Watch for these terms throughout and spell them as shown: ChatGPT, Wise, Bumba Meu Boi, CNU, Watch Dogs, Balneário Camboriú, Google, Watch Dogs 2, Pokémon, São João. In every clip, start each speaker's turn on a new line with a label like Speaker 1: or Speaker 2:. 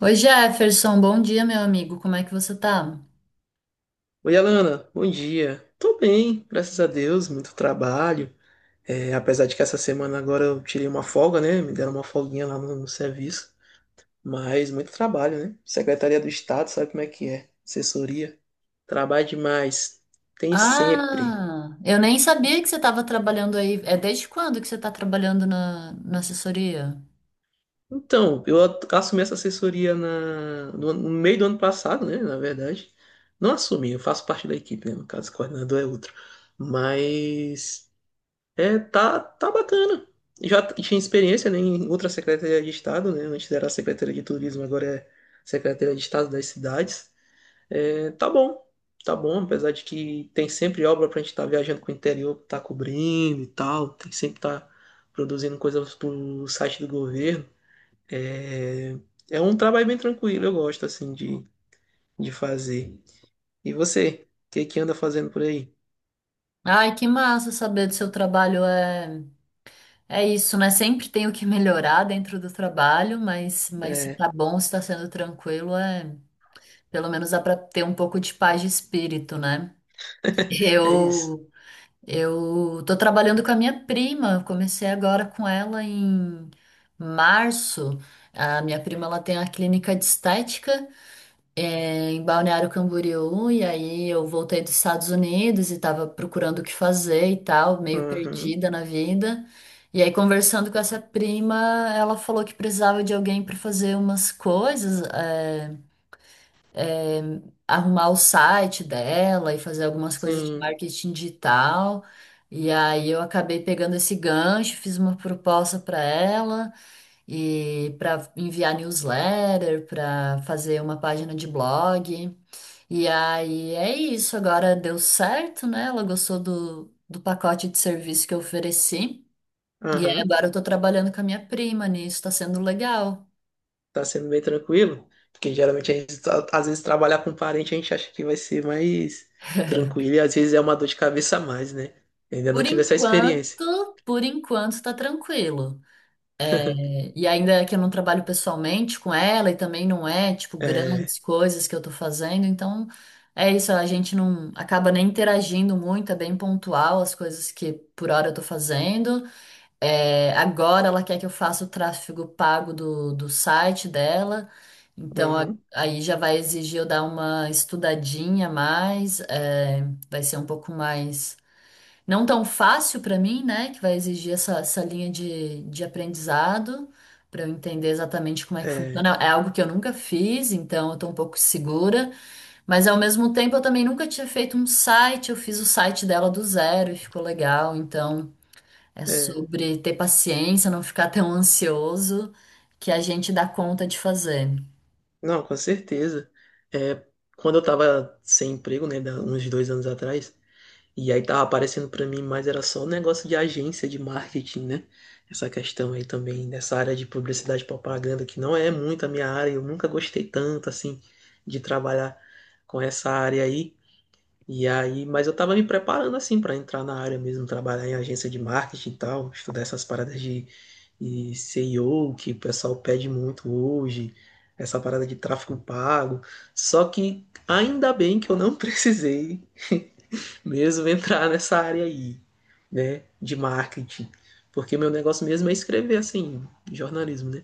Speaker 1: Oi, Jefferson, bom dia, meu amigo. Como é que você tá?
Speaker 2: Oi, Alana, bom dia. Tô bem, graças a Deus, muito trabalho. É, apesar de que essa semana agora eu tirei uma folga, né? Me deram uma folguinha lá no serviço. Mas muito trabalho, né? Secretaria do Estado, sabe como é que é? Assessoria. Trabalho demais. Tem sempre.
Speaker 1: Ah, eu nem sabia que você estava trabalhando aí. É desde quando que você está trabalhando na assessoria?
Speaker 2: Então, assumi essa assessoria na, no, ano- no meio do ano passado, né? Na verdade. Não assumi, eu faço parte da equipe, né? No caso, o coordenador é outro. Mas, é, tá bacana. Já tinha experiência, né, em outra Secretaria de Estado, né? Antes era a Secretaria de Turismo, agora é Secretaria de Estado das Cidades. É, tá bom, apesar de que tem sempre obra pra gente estar viajando com o interior, tá cobrindo e tal, tem que sempre tá produzindo coisas pro site do governo. É, é, um trabalho bem tranquilo, eu gosto, assim, de fazer. E você, o que que anda fazendo por aí?
Speaker 1: Ai, que massa saber do seu trabalho. É, é isso, né? Sempre tem o que melhorar dentro do trabalho, mas se
Speaker 2: É,
Speaker 1: tá bom, se tá sendo tranquilo, pelo menos dá para ter um pouco de paz de espírito, né?
Speaker 2: é isso.
Speaker 1: Eu Eu tô trabalhando com a minha prima, comecei agora com ela em março. A minha prima ela tem a clínica de estética em Balneário Camboriú, e aí eu voltei dos Estados Unidos e tava procurando o que fazer e tal, meio
Speaker 2: Aham,
Speaker 1: perdida na vida. E aí, conversando com essa prima, ela falou que precisava de alguém para fazer umas coisas. Arrumar o site dela e fazer algumas coisas de
Speaker 2: sim,
Speaker 1: marketing digital. E aí eu acabei pegando esse gancho, fiz uma proposta para ela e para enviar newsletter, para fazer uma página de blog. E aí é isso, agora deu certo, né? Ela gostou do pacote de serviço que eu ofereci. E aí
Speaker 2: aham.
Speaker 1: agora eu tô trabalhando com a minha prima nisso, tá sendo legal.
Speaker 2: Tá sendo bem tranquilo? Porque geralmente a gente, às vezes, trabalhar com parente, a gente acha que vai ser mais tranquilo e às vezes é uma dor de cabeça a mais, né? Eu ainda não
Speaker 1: Por
Speaker 2: tive essa experiência.
Speaker 1: enquanto, por enquanto tá tranquilo. E ainda que eu não trabalho pessoalmente com ela e também não é, tipo,
Speaker 2: É,
Speaker 1: grandes coisas que eu tô fazendo, então é isso, a gente não acaba nem interagindo muito, é bem pontual as coisas que por hora eu tô fazendo. É, agora ela quer que eu faça o tráfego pago do site dela, então
Speaker 2: uhum,
Speaker 1: aí já vai exigir eu dar uma estudadinha a mais, vai ser um pouco mais não tão fácil para mim, né? Que vai exigir essa linha de aprendizado para eu entender exatamente como é que
Speaker 2: é,
Speaker 1: funciona. É algo que eu nunca fiz, então eu tô um pouco segura, mas ao mesmo tempo eu também nunca tinha feito um site, eu fiz o site dela do zero e ficou legal, então é
Speaker 2: é.
Speaker 1: sobre ter paciência, não ficar tão ansioso que a gente dá conta de fazer.
Speaker 2: Não, com certeza. É, quando eu tava sem emprego, né, uns 2 anos atrás, e aí tava aparecendo pra mim, mas era só um negócio de agência de marketing, né? Essa questão aí também dessa área de publicidade e propaganda, que não é muito a minha área, eu nunca gostei tanto assim de trabalhar com essa área aí. E aí, mas eu tava me preparando assim pra entrar na área mesmo, trabalhar em agência de marketing e tal, estudar essas paradas de, SEO que o pessoal pede muito hoje, essa parada de tráfego pago. Só que ainda bem que eu não precisei mesmo entrar nessa área aí, né, de marketing, porque meu negócio mesmo é escrever assim, jornalismo, né?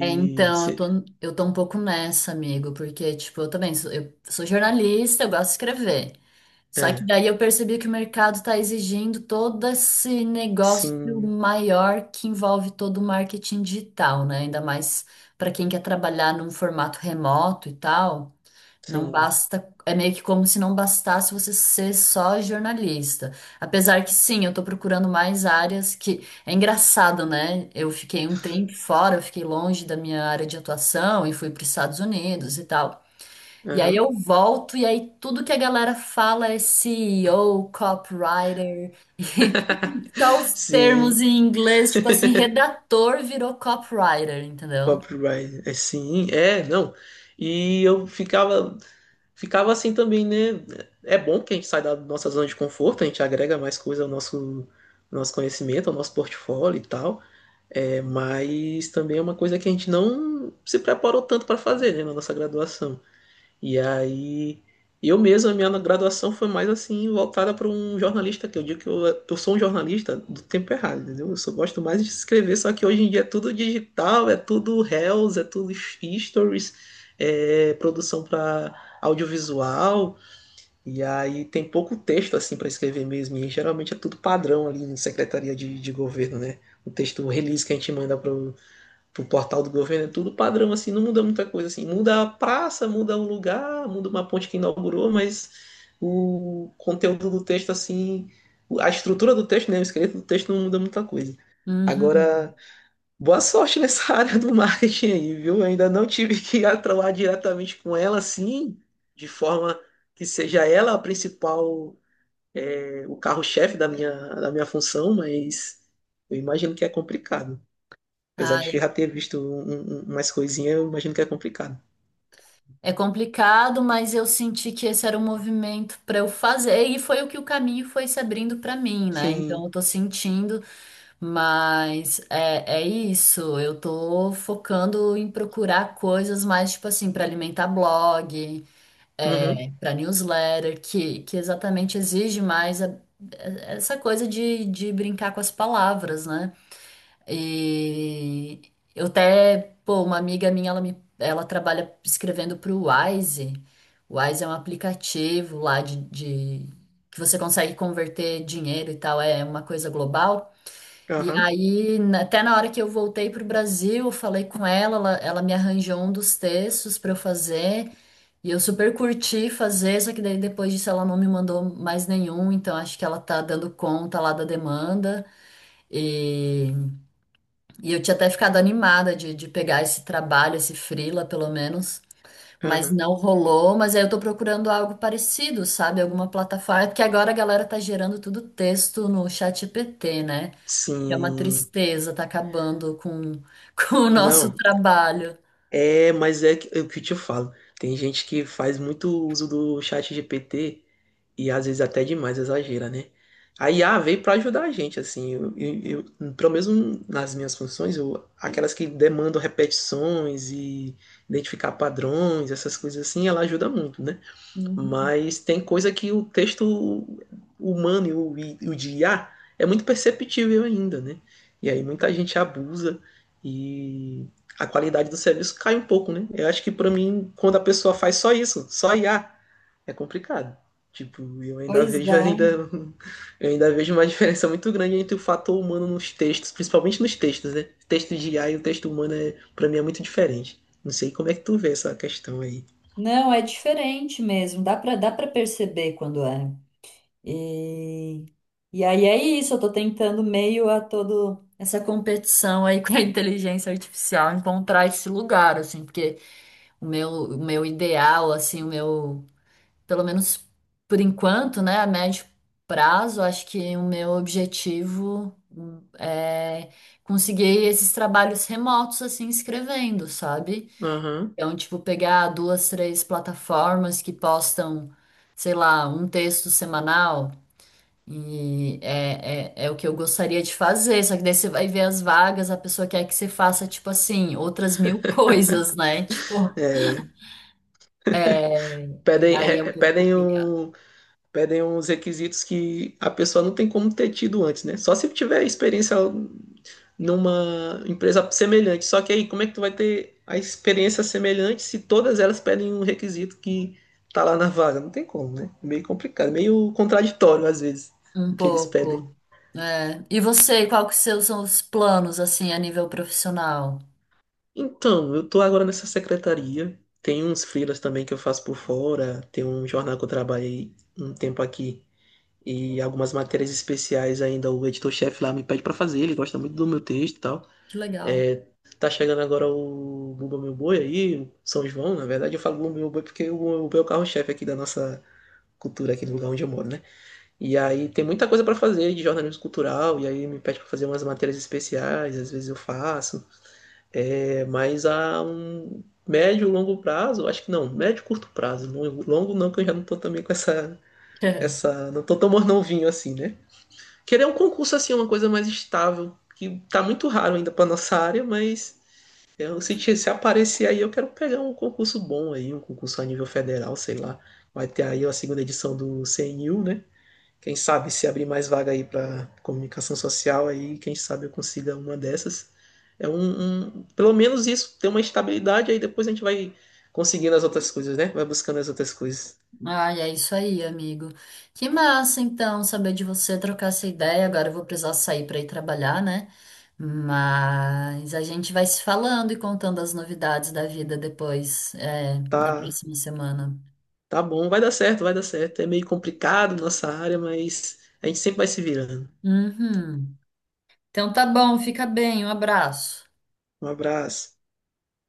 Speaker 1: É, então, eu tô, eu tô um pouco nessa, amigo, porque, tipo, eu sou jornalista, eu gosto de escrever. Só que
Speaker 2: é,
Speaker 1: daí eu percebi que o mercado está exigindo todo esse negócio
Speaker 2: sim,
Speaker 1: maior que envolve todo o marketing digital, né? Ainda mais para quem quer trabalhar num formato remoto e tal. Não
Speaker 2: sim.
Speaker 1: basta, é meio que como se não bastasse você ser só jornalista. Apesar que sim, eu estou procurando mais áreas que é engraçado, né? Eu fiquei um tempo fora, eu fiquei longe da minha área de atuação e fui para os Estados Unidos e tal. E aí
Speaker 2: Aham.
Speaker 1: eu volto, e aí tudo que a galera fala é CEO, copywriter, só os termos
Speaker 2: Sim,
Speaker 1: em inglês, tipo assim, redator virou copywriter, entendeu?
Speaker 2: copyright, é sim, é, não. E eu ficava, assim também, né? É bom que a gente sai da nossa zona de conforto, a gente agrega mais coisa ao nosso conhecimento, ao nosso portfólio e tal. É, mas também é uma coisa que a gente não se preparou tanto para fazer, né, na nossa graduação. E aí, eu mesmo, a minha graduação foi mais assim, voltada para um jornalista, que eu digo que eu sou um jornalista do tempo errado, entendeu? Eu só gosto mais de escrever, só que hoje em dia é tudo digital, é tudo reels, é tudo stories, é produção para audiovisual. E aí tem pouco texto assim para escrever mesmo, e geralmente é tudo padrão ali em secretaria de, governo, né? O release que a gente manda pro portal do governo é tudo padrão assim, não muda muita coisa assim. Muda a praça, muda um lugar, muda uma ponte que inaugurou, mas o conteúdo do texto assim, a estrutura do texto, né, o esqueleto do texto não muda muita coisa.
Speaker 1: Uhum.
Speaker 2: Agora, boa sorte nessa área do marketing aí, viu? Eu ainda não tive que atuar diretamente com ela, assim, de forma que seja ela a principal, o carro-chefe da minha função, mas eu imagino que é complicado. Apesar de
Speaker 1: Ai,
Speaker 2: que eu já ter visto umas coisinhas, eu imagino que é complicado.
Speaker 1: é complicado, mas eu senti que esse era o movimento para eu fazer, e foi o que o caminho foi se abrindo para mim, né? Então
Speaker 2: Sim.
Speaker 1: eu tô sentindo, mas é isso, eu tô focando em procurar coisas mais, tipo assim, para alimentar blog,
Speaker 2: Uhum.
Speaker 1: para newsletter, que exatamente exige mais essa coisa de brincar com as palavras, né? E eu até, pô, uma amiga minha, ela trabalha escrevendo para o Wise. O Wise é um aplicativo lá que você consegue converter dinheiro e tal, é uma coisa global. E
Speaker 2: Aham.
Speaker 1: aí, até na hora que eu voltei para o Brasil, eu falei com ela, ela me arranjou um dos textos para eu fazer. E eu super curti fazer, só que daí depois disso ela não me mandou mais nenhum, então acho que ela tá dando conta lá da demanda. E, e eu tinha até ficado animada de pegar esse trabalho, esse freela, pelo menos, mas
Speaker 2: Aham.
Speaker 1: não rolou. Mas aí eu tô procurando algo parecido, sabe? Alguma plataforma, porque agora a galera tá gerando tudo texto no ChatGPT, né? Que é uma
Speaker 2: Sim.
Speaker 1: tristeza, tá acabando com, com o nosso
Speaker 2: Não.
Speaker 1: trabalho.
Speaker 2: É, mas é o que eu te falo. Tem gente que faz muito uso do chat GPT. E às vezes até demais exagera, né? A IA veio para ajudar a gente, assim, pelo menos nas minhas funções, aquelas que demandam repetições e identificar padrões, essas coisas assim, ela ajuda muito, né?
Speaker 1: Uhum.
Speaker 2: Mas tem coisa que o texto humano e o de IA é muito perceptível ainda, né? E aí muita gente abusa e a qualidade do serviço cai um pouco, né? Eu acho que para mim, quando a pessoa faz só isso, só IA, é complicado. Tipo, eu ainda
Speaker 1: Pois
Speaker 2: vejo ainda
Speaker 1: é.
Speaker 2: eu ainda vejo uma diferença muito grande entre o fator humano nos textos, principalmente nos textos, né? Texto de IA e o texto humano é, para mim é muito diferente. Não sei como é que tu vê essa questão aí.
Speaker 1: Não, é diferente mesmo, dá para perceber quando é. E, e aí é isso, eu tô tentando meio a todo essa competição aí com a inteligência artificial encontrar esse lugar, assim, porque o meu ideal, assim, pelo menos por enquanto, né, a médio prazo, acho que o meu objetivo é conseguir esses trabalhos remotos, assim, escrevendo, sabe?
Speaker 2: Aham.
Speaker 1: Então, tipo, pegar duas, três plataformas que postam, sei lá, um texto semanal, e é o que eu gostaria de fazer. Só que daí você vai ver as vagas, a pessoa quer que você faça, tipo assim, outras mil coisas, né?
Speaker 2: É,
Speaker 1: É, e
Speaker 2: pedem
Speaker 1: aí é
Speaker 2: é,
Speaker 1: um
Speaker 2: é,
Speaker 1: pouco
Speaker 2: pedem
Speaker 1: complicado.
Speaker 2: um pedem uns requisitos que a pessoa não tem como ter tido antes, né? Só se tiver experiência numa empresa semelhante. Só que aí, como é que tu vai ter a experiência semelhante se todas elas pedem um requisito que tá lá na vaga? Não tem como, né? Meio complicado, meio contraditório às vezes
Speaker 1: Um
Speaker 2: o que eles pedem.
Speaker 1: pouco. E você, qual que seus são os planos, assim, a nível profissional?
Speaker 2: Então, eu tô agora nessa secretaria. Tem uns freelas também que eu faço por fora. Tem um jornal que eu trabalhei um tempo aqui. E algumas matérias especiais ainda o editor-chefe lá me pede para fazer. Ele gosta muito do meu texto e tal.
Speaker 1: Que legal.
Speaker 2: É, tá chegando agora o Bumba Meu Boi aí, o São João. Na verdade eu falo Bumba Meu Boi porque o Bumba Meu Boi é o carro-chefe aqui da nossa cultura, aqui do lugar onde eu moro, né? E aí tem muita coisa pra fazer de jornalismo cultural, e aí me pede pra fazer umas matérias especiais, às vezes eu faço, é, mas a um médio, longo prazo, eu acho que não, médio, curto prazo, longo, longo não, que eu já não tô também com não tô tão mornovinho assim, né? Querer um concurso assim, é uma coisa mais estável, que tá muito raro ainda pra nossa área, mas eu, se aparecer aí, eu quero pegar um concurso bom aí, um concurso a nível federal, sei lá. Vai ter aí a segunda edição do CNU, né? Quem sabe se abrir mais vaga aí para comunicação social, aí quem sabe eu consiga uma dessas. É pelo menos isso, ter uma estabilidade, aí depois a gente vai conseguindo as outras coisas, né? Vai buscando as outras coisas.
Speaker 1: Ah, é isso aí, amigo. Que massa, então, saber de você, trocar essa ideia. Agora eu vou precisar sair para ir trabalhar, né? Mas a gente vai se falando e contando as novidades da vida depois, na
Speaker 2: Tá,
Speaker 1: próxima semana.
Speaker 2: tá bom, vai dar certo, vai dar certo. É meio complicado nossa área, mas a gente sempre vai se virando.
Speaker 1: Uhum. Então tá bom, fica bem, um abraço.
Speaker 2: Um abraço.